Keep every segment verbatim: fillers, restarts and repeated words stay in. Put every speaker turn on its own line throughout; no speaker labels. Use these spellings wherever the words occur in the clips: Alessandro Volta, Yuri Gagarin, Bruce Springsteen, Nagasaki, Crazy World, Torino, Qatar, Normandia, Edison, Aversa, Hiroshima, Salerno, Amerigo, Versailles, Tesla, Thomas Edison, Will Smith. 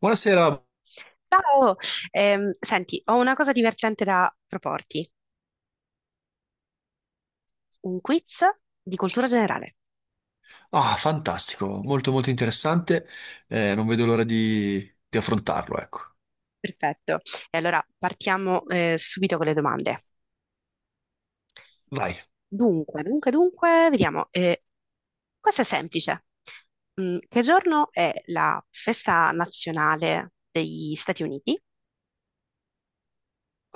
Buonasera.
Ciao! Ehm, senti, ho una cosa divertente da proporti, un quiz di cultura generale.
Ah, fantastico, molto molto interessante. Eh, non vedo l'ora di, di affrontarlo, ecco.
Perfetto. E allora partiamo eh, subito con le domande.
Vai.
Dunque, dunque, dunque, vediamo. Eh, questa è semplice. Mm, che giorno è la festa nazionale degli Stati Uniti?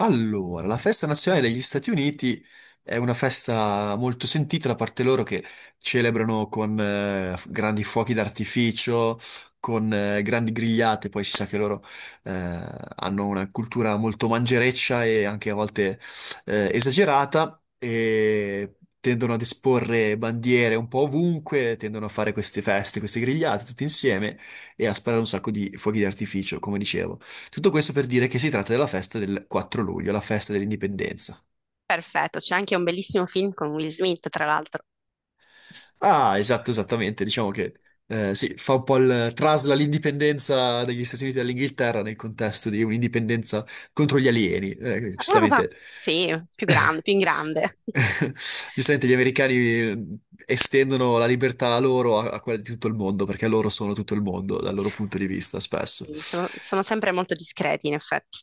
Allora, la festa nazionale degli Stati Uniti è una festa molto sentita da parte loro, che celebrano con eh, f- grandi fuochi d'artificio, con eh, grandi grigliate. Poi si sa che loro eh, hanno una cultura molto mangereccia e anche a volte eh, esagerata, e tendono ad esporre bandiere un po' ovunque, tendono a fare queste feste, queste grigliate tutti insieme e a sparare un sacco di fuochi d'artificio, come dicevo. Tutto questo per dire che si tratta della festa del quattro luglio, la festa dell'indipendenza.
Perfetto, c'è anche un bellissimo film con Will Smith, tra l'altro.
Ah, esatto, esattamente. Diciamo che eh, sì, fa un po' il trasla l'indipendenza degli Stati Uniti dall'Inghilterra nel contesto di un'indipendenza contro gli alieni. Eh,
Una cosa,
giustamente.
sì, più grande, più in grande.
Giustamente, gli americani eh, estendono la libertà a loro, a, a quella di tutto il mondo, perché loro sono tutto il mondo dal loro punto di vista, spesso.
Sì, sono, sono sempre molto discreti, in effetti.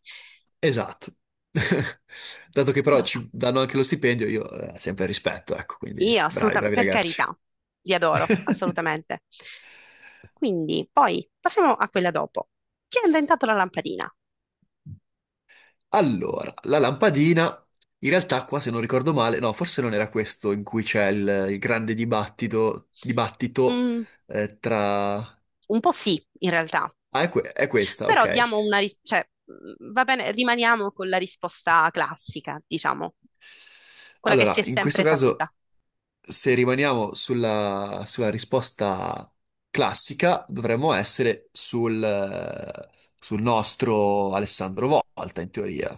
Esatto. Dato che però
Allora,
ci danno anche lo stipendio, io eh, sempre rispetto, ecco. Quindi
io
bravi,
assolutamente,
bravi
per
ragazzi.
carità, li adoro, assolutamente. Quindi, poi passiamo a quella dopo. Chi ha inventato la lampadina?
Allora, la lampadina, in realtà qua, se non ricordo male, no, forse non era questo in cui c'è il, il grande dibattito, dibattito
Mm,
eh, tra...
un po' sì, in realtà,
Ah, è, que- è questa,
però
ok.
diamo una ris- cioè, mm, va bene, rimaniamo con la risposta classica, diciamo, quella che si
Allora,
è
in questo
sempre
caso,
saputa.
se rimaniamo sulla, sulla risposta classica, dovremmo essere sul, eh, sul nostro Alessandro Volta, in teoria.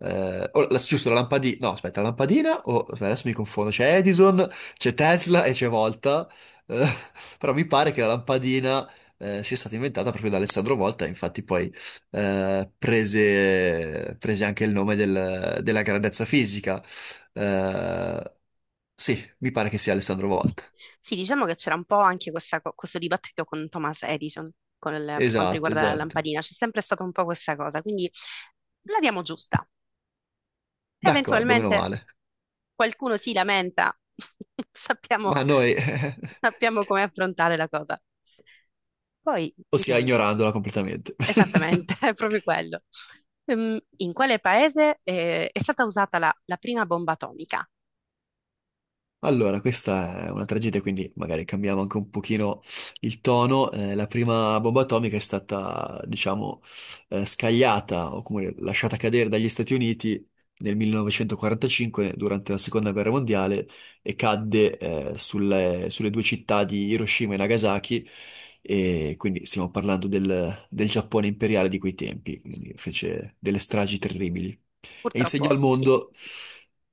Eh, o la- giusto, la lampadina. No, aspetta, la lampadina. O- aspetta, adesso mi confondo. C'è Edison, c'è Tesla e c'è Volta. Eh, Però mi pare che la lampadina, eh, sia stata inventata proprio da Alessandro Volta. Infatti poi eh, prese, prese anche il nome del- della grandezza fisica, eh, sì, mi pare che sia Alessandro Volta.
Sì, diciamo che c'era un po' anche questa co- questo dibattito con Thomas Edison con il- per quanto
Esatto,
riguarda la
esatto.
lampadina, c'è sempre stata un po' questa cosa, quindi la diamo giusta.
D'accordo, meno
Eventualmente
male.
qualcuno si lamenta, sappiamo,
Ma noi,
sappiamo come affrontare la cosa. Poi
o sia
vediamo.
ignorandola completamente.
Esattamente, è proprio quello. Ehm, in quale paese eh, è stata usata la, la prima bomba atomica?
Allora, questa è una tragedia, quindi magari cambiamo anche un pochino il tono. Eh, la prima bomba atomica è stata, diciamo, eh, scagliata, o comunque lasciata cadere, dagli Stati Uniti nel millenovecentoquarantacinque durante la Seconda Guerra Mondiale, e cadde, eh, sulle, sulle due città di Hiroshima e Nagasaki. E quindi stiamo parlando del, del Giappone imperiale di quei tempi, quindi fece delle stragi terribili e insegna
Purtroppo
al
sì.
mondo.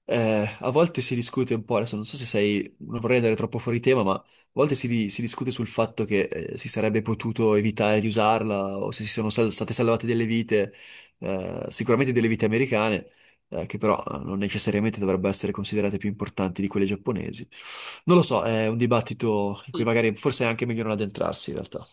Eh, a volte si discute un po', adesso non so se sei, non vorrei andare troppo fuori tema, ma a volte si, di- si discute sul fatto che eh, si sarebbe potuto evitare di usarla, o se si sono sal- state salvate delle vite, eh, sicuramente delle vite americane, eh, che però eh, non necessariamente dovrebbero essere considerate più importanti di quelle giapponesi. Non lo so, è un dibattito in cui
Sì,
magari forse è anche meglio non addentrarsi, in realtà.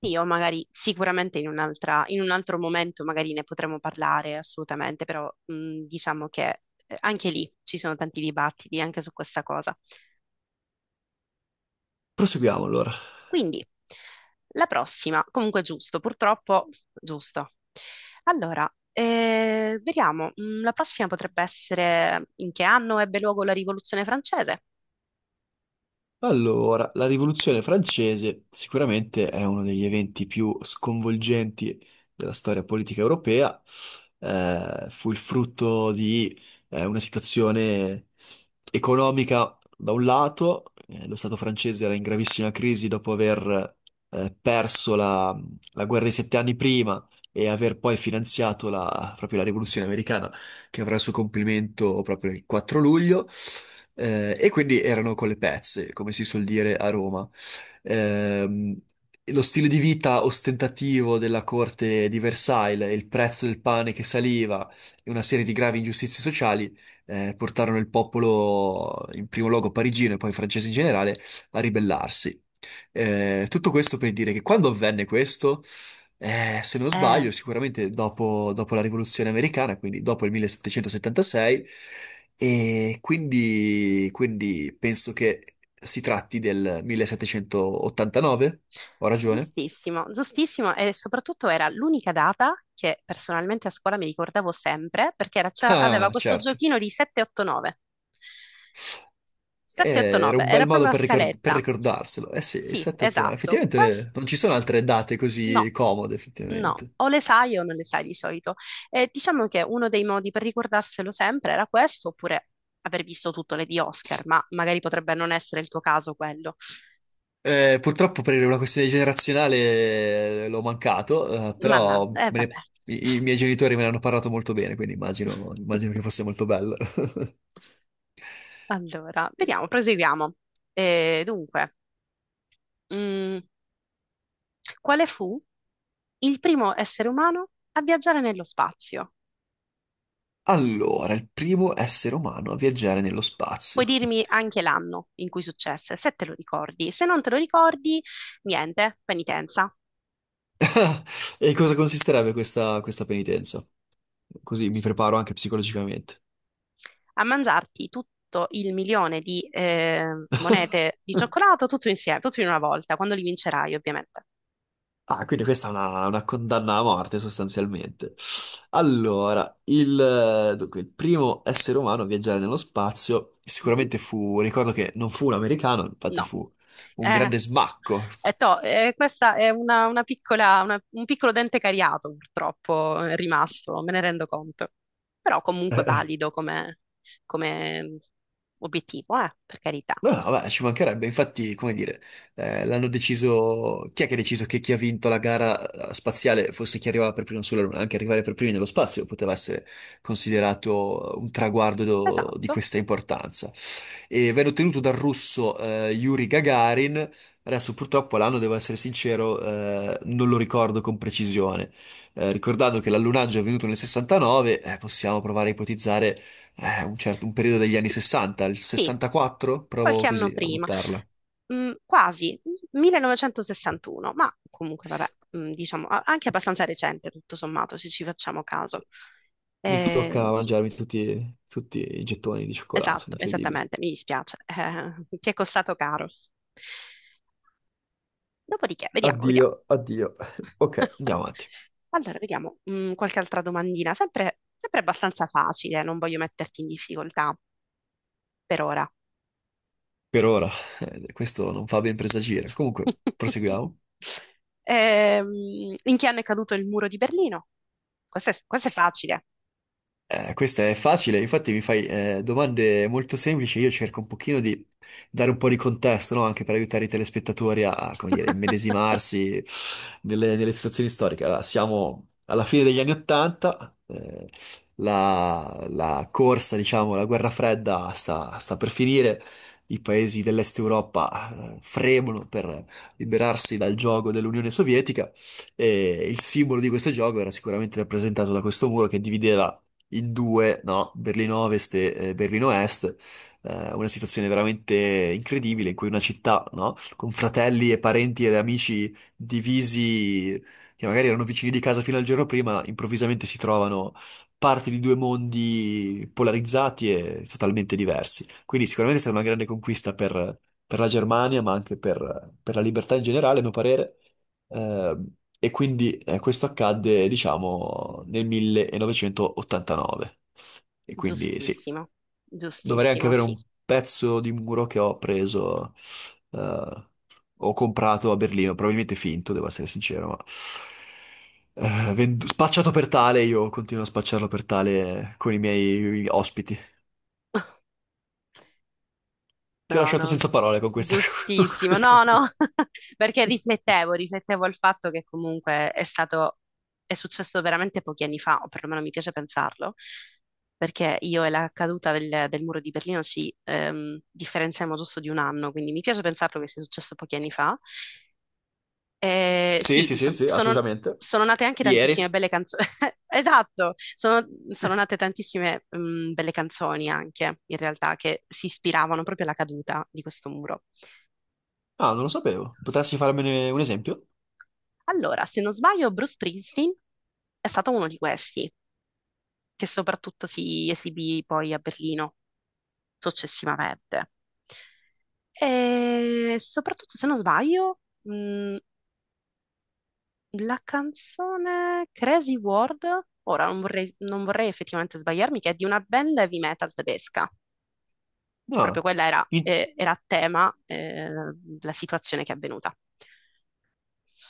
sì, o magari sicuramente in un'altra, in un altro momento magari ne potremo parlare assolutamente, però mh, diciamo che eh, anche lì ci sono tanti dibattiti anche su questa cosa.
Proseguiamo allora.
Quindi, la prossima, comunque giusto, purtroppo giusto. Allora, eh, vediamo, mh, la prossima potrebbe essere: in che anno ebbe luogo la Rivoluzione francese?
Allora, la Rivoluzione francese sicuramente è uno degli eventi più sconvolgenti della storia politica europea. Eh, fu il frutto di eh, una situazione economica da un lato, eh, lo Stato francese era in gravissima crisi dopo aver eh, perso la, la guerra dei sette anni prima, e aver poi finanziato la, proprio la Rivoluzione americana, che avrà il suo compimento proprio il quattro luglio. Eh, e quindi erano con le pezze, come si suol dire a Roma. Ehm, Lo stile di vita ostentativo della corte di Versailles, il prezzo del pane che saliva e una serie di gravi ingiustizie sociali eh, portarono il popolo, in primo luogo parigino e poi francese in generale, a ribellarsi. Eh, tutto questo per dire che quando avvenne questo, eh, se non
Eh,
sbaglio, sicuramente dopo, dopo la Rivoluzione americana, quindi dopo il millesettecentosettantasei, e quindi, quindi penso che si tratti del millesettecentottantanove. Ho ragione?
Giustissimo, giustissimo, e soprattutto era l'unica data che personalmente a scuola mi ricordavo sempre perché era- c'ha- aveva
Ah,
questo
certo.
giochino di sette otto nove.
Eh, Era
sette otto nove
un
era
bel modo
proprio la
per, ricor- per
scaletta.
ricordarselo. Eh sì, il
Sì,
settecentottantanove.
esatto.
Effettivamente
Questo
eh, non ci sono altre date così
no,
comode,
no,
effettivamente.
o le sai o non le sai di solito. E diciamo che uno dei modi per ricordarselo sempre era questo, oppure aver visto tutto le di Oscar, ma magari potrebbe non essere il tuo caso quello.
Eh, purtroppo per una questione generazionale eh, l'ho mancato, eh,
Ma no,
però
eh
me
vabbè.
ne- i, i miei genitori me ne hanno parlato molto bene, quindi immagino, immagino che fosse molto bello.
Allora, vediamo, proseguiamo. Eh, dunque, mm, quale fu il primo essere umano a viaggiare nello spazio?
Allora, il primo essere umano a viaggiare nello
Puoi
spazio.
dirmi anche l'anno in cui successe, se te lo ricordi. Se non te lo ricordi, niente, penitenza.
E in cosa consisterebbe questa, questa penitenza? Così mi preparo anche psicologicamente.
A mangiarti tutto il milione di eh, monete di cioccolato, tutto insieme, tutto in una volta, quando li vincerai, ovviamente.
Ah, quindi questa è una, una condanna a morte, sostanzialmente. Allora, il, dunque, il primo essere umano a viaggiare nello spazio
Mhm.
sicuramente fu, ricordo che non fu un americano, infatti
No.
fu un
Eh,
grande smacco.
è to- eh, questa è una, una piccola, una- un piccolo dente cariato, purtroppo, è rimasto, me ne rendo conto. Però comunque valido come, come obiettivo, eh, per carità.
No, no, beh, ci mancherebbe, infatti, come dire, eh, l'hanno deciso. Chi è che ha deciso che chi ha vinto la gara eh, spaziale fosse chi arrivava per primo sulla Luna? Anche arrivare per primi nello spazio poteva essere considerato un traguardo do- di
Esatto,
questa importanza. E venne ottenuto dal russo eh, Yuri Gagarin. Adesso purtroppo l'anno, devo essere sincero, eh, non lo ricordo con precisione. Eh, ricordando che l'allunaggio è avvenuto nel sessantanove, eh, possiamo provare a ipotizzare eh, un certo un periodo degli anni
sì,
sessanta, il
sì,
sessantaquattro, provo
qualche anno
così a
prima.
buttarla.
Mm, quasi, millenovecentosessantuno, ma comunque vabbè, mm, diciamo, a- anche abbastanza recente, tutto sommato, se ci facciamo caso.
Mi
Eh,
tocca
sì,
mangiarmi tutti, tutti i gettoni di cioccolato,
Esatto,
incredibile.
esattamente, mi dispiace. Eh, ti è costato caro. Dopodiché, vediamo, vediamo.
Addio, addio. Ok. Andiamo avanti.
Allora, vediamo, mm, qualche altra domandina, sempre, sempre abbastanza facile, non voglio metterti in difficoltà per ora.
Per ora, eh, questo non fa ben presagire. Comunque, proseguiamo.
Ehm, in che anno è caduto il muro di Berlino? Questo è, questo è facile.
Eh, questa è facile, infatti mi fai eh, domande molto semplici. Io cerco un pochino di dare un po' di contesto, no? Anche per aiutare i telespettatori a, come dire, immedesimarsi nelle, nelle situazioni storiche. Allora, siamo alla fine degli anni Ottanta. Eh, la, la corsa, diciamo, la guerra fredda sta, sta per finire. I paesi dell'Est Europa eh, fremono per liberarsi dal gioco dell'Unione Sovietica, e il simbolo di questo gioco era sicuramente rappresentato da questo muro che divideva in due, no? Berlino Ovest e eh, Berlino Est, eh, una situazione veramente incredibile in cui una città, no? Con fratelli e parenti ed amici divisi, che magari erano vicini di casa fino al giorno prima, improvvisamente si trovano parti di due mondi polarizzati e totalmente diversi. Quindi sicuramente è stata una grande conquista per, per la Germania, ma anche per, per la libertà in generale, a mio parere. Ehm, e quindi eh, questo accadde, diciamo, nel millenovecentottantanove. E quindi sì,
Giustissimo,
dovrei anche
giustissimo,
avere
sì.
un pezzo di muro che ho preso, eh, ho comprato a Berlino, probabilmente finto, devo essere sincero, ma eh, vendu- spacciato per tale, io continuo a spacciarlo per tale con i miei ospiti. Ti ho
No,
lasciato
no,
senza parole con questa... con
giustissimo,
questa...
no, no, perché riflettevo, riflettevo al fatto che comunque è stato, è successo veramente pochi anni fa, o perlomeno mi piace pensarlo, perché io e la caduta del, del muro di Berlino ci ehm, differenziamo giusto di un anno, quindi mi piace pensarlo che sia successo pochi anni fa, eh,
Sì,
sì,
sì, sì,
diciamo,
sì,
sono,
assolutamente.
sono nate anche tantissime
Ieri?
belle canzoni. Esatto, sono, sono nate tantissime mm, belle canzoni anche, in realtà, che si ispiravano proprio alla caduta di questo muro.
Ah, non lo sapevo. Potresti farmene un esempio?
Allora, se non sbaglio, Bruce Springsteen è stato uno di questi, che soprattutto si esibì poi a Berlino successivamente. E soprattutto, se non sbaglio, mh, la canzone Crazy World, ora non vorrei, non vorrei effettivamente sbagliarmi, che è di una band heavy metal tedesca. Proprio
No.
quella era, eh, era a tema, eh, la situazione che è avvenuta.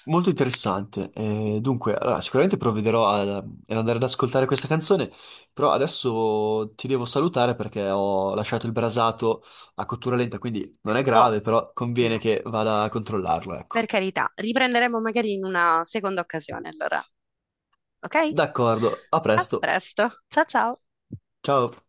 Molto interessante. Eh, dunque, allora, sicuramente provvederò a- eh, ad andare ad ascoltare questa canzone, però adesso ti devo salutare perché ho lasciato il brasato a cottura lenta, quindi non è
Oh,
grave, però conviene
no,
che vada a controllarlo,
per
ecco.
carità, riprenderemo magari in una seconda occasione, allora, ok?
D'accordo, a
A
presto.
presto, ciao ciao!
Ciao.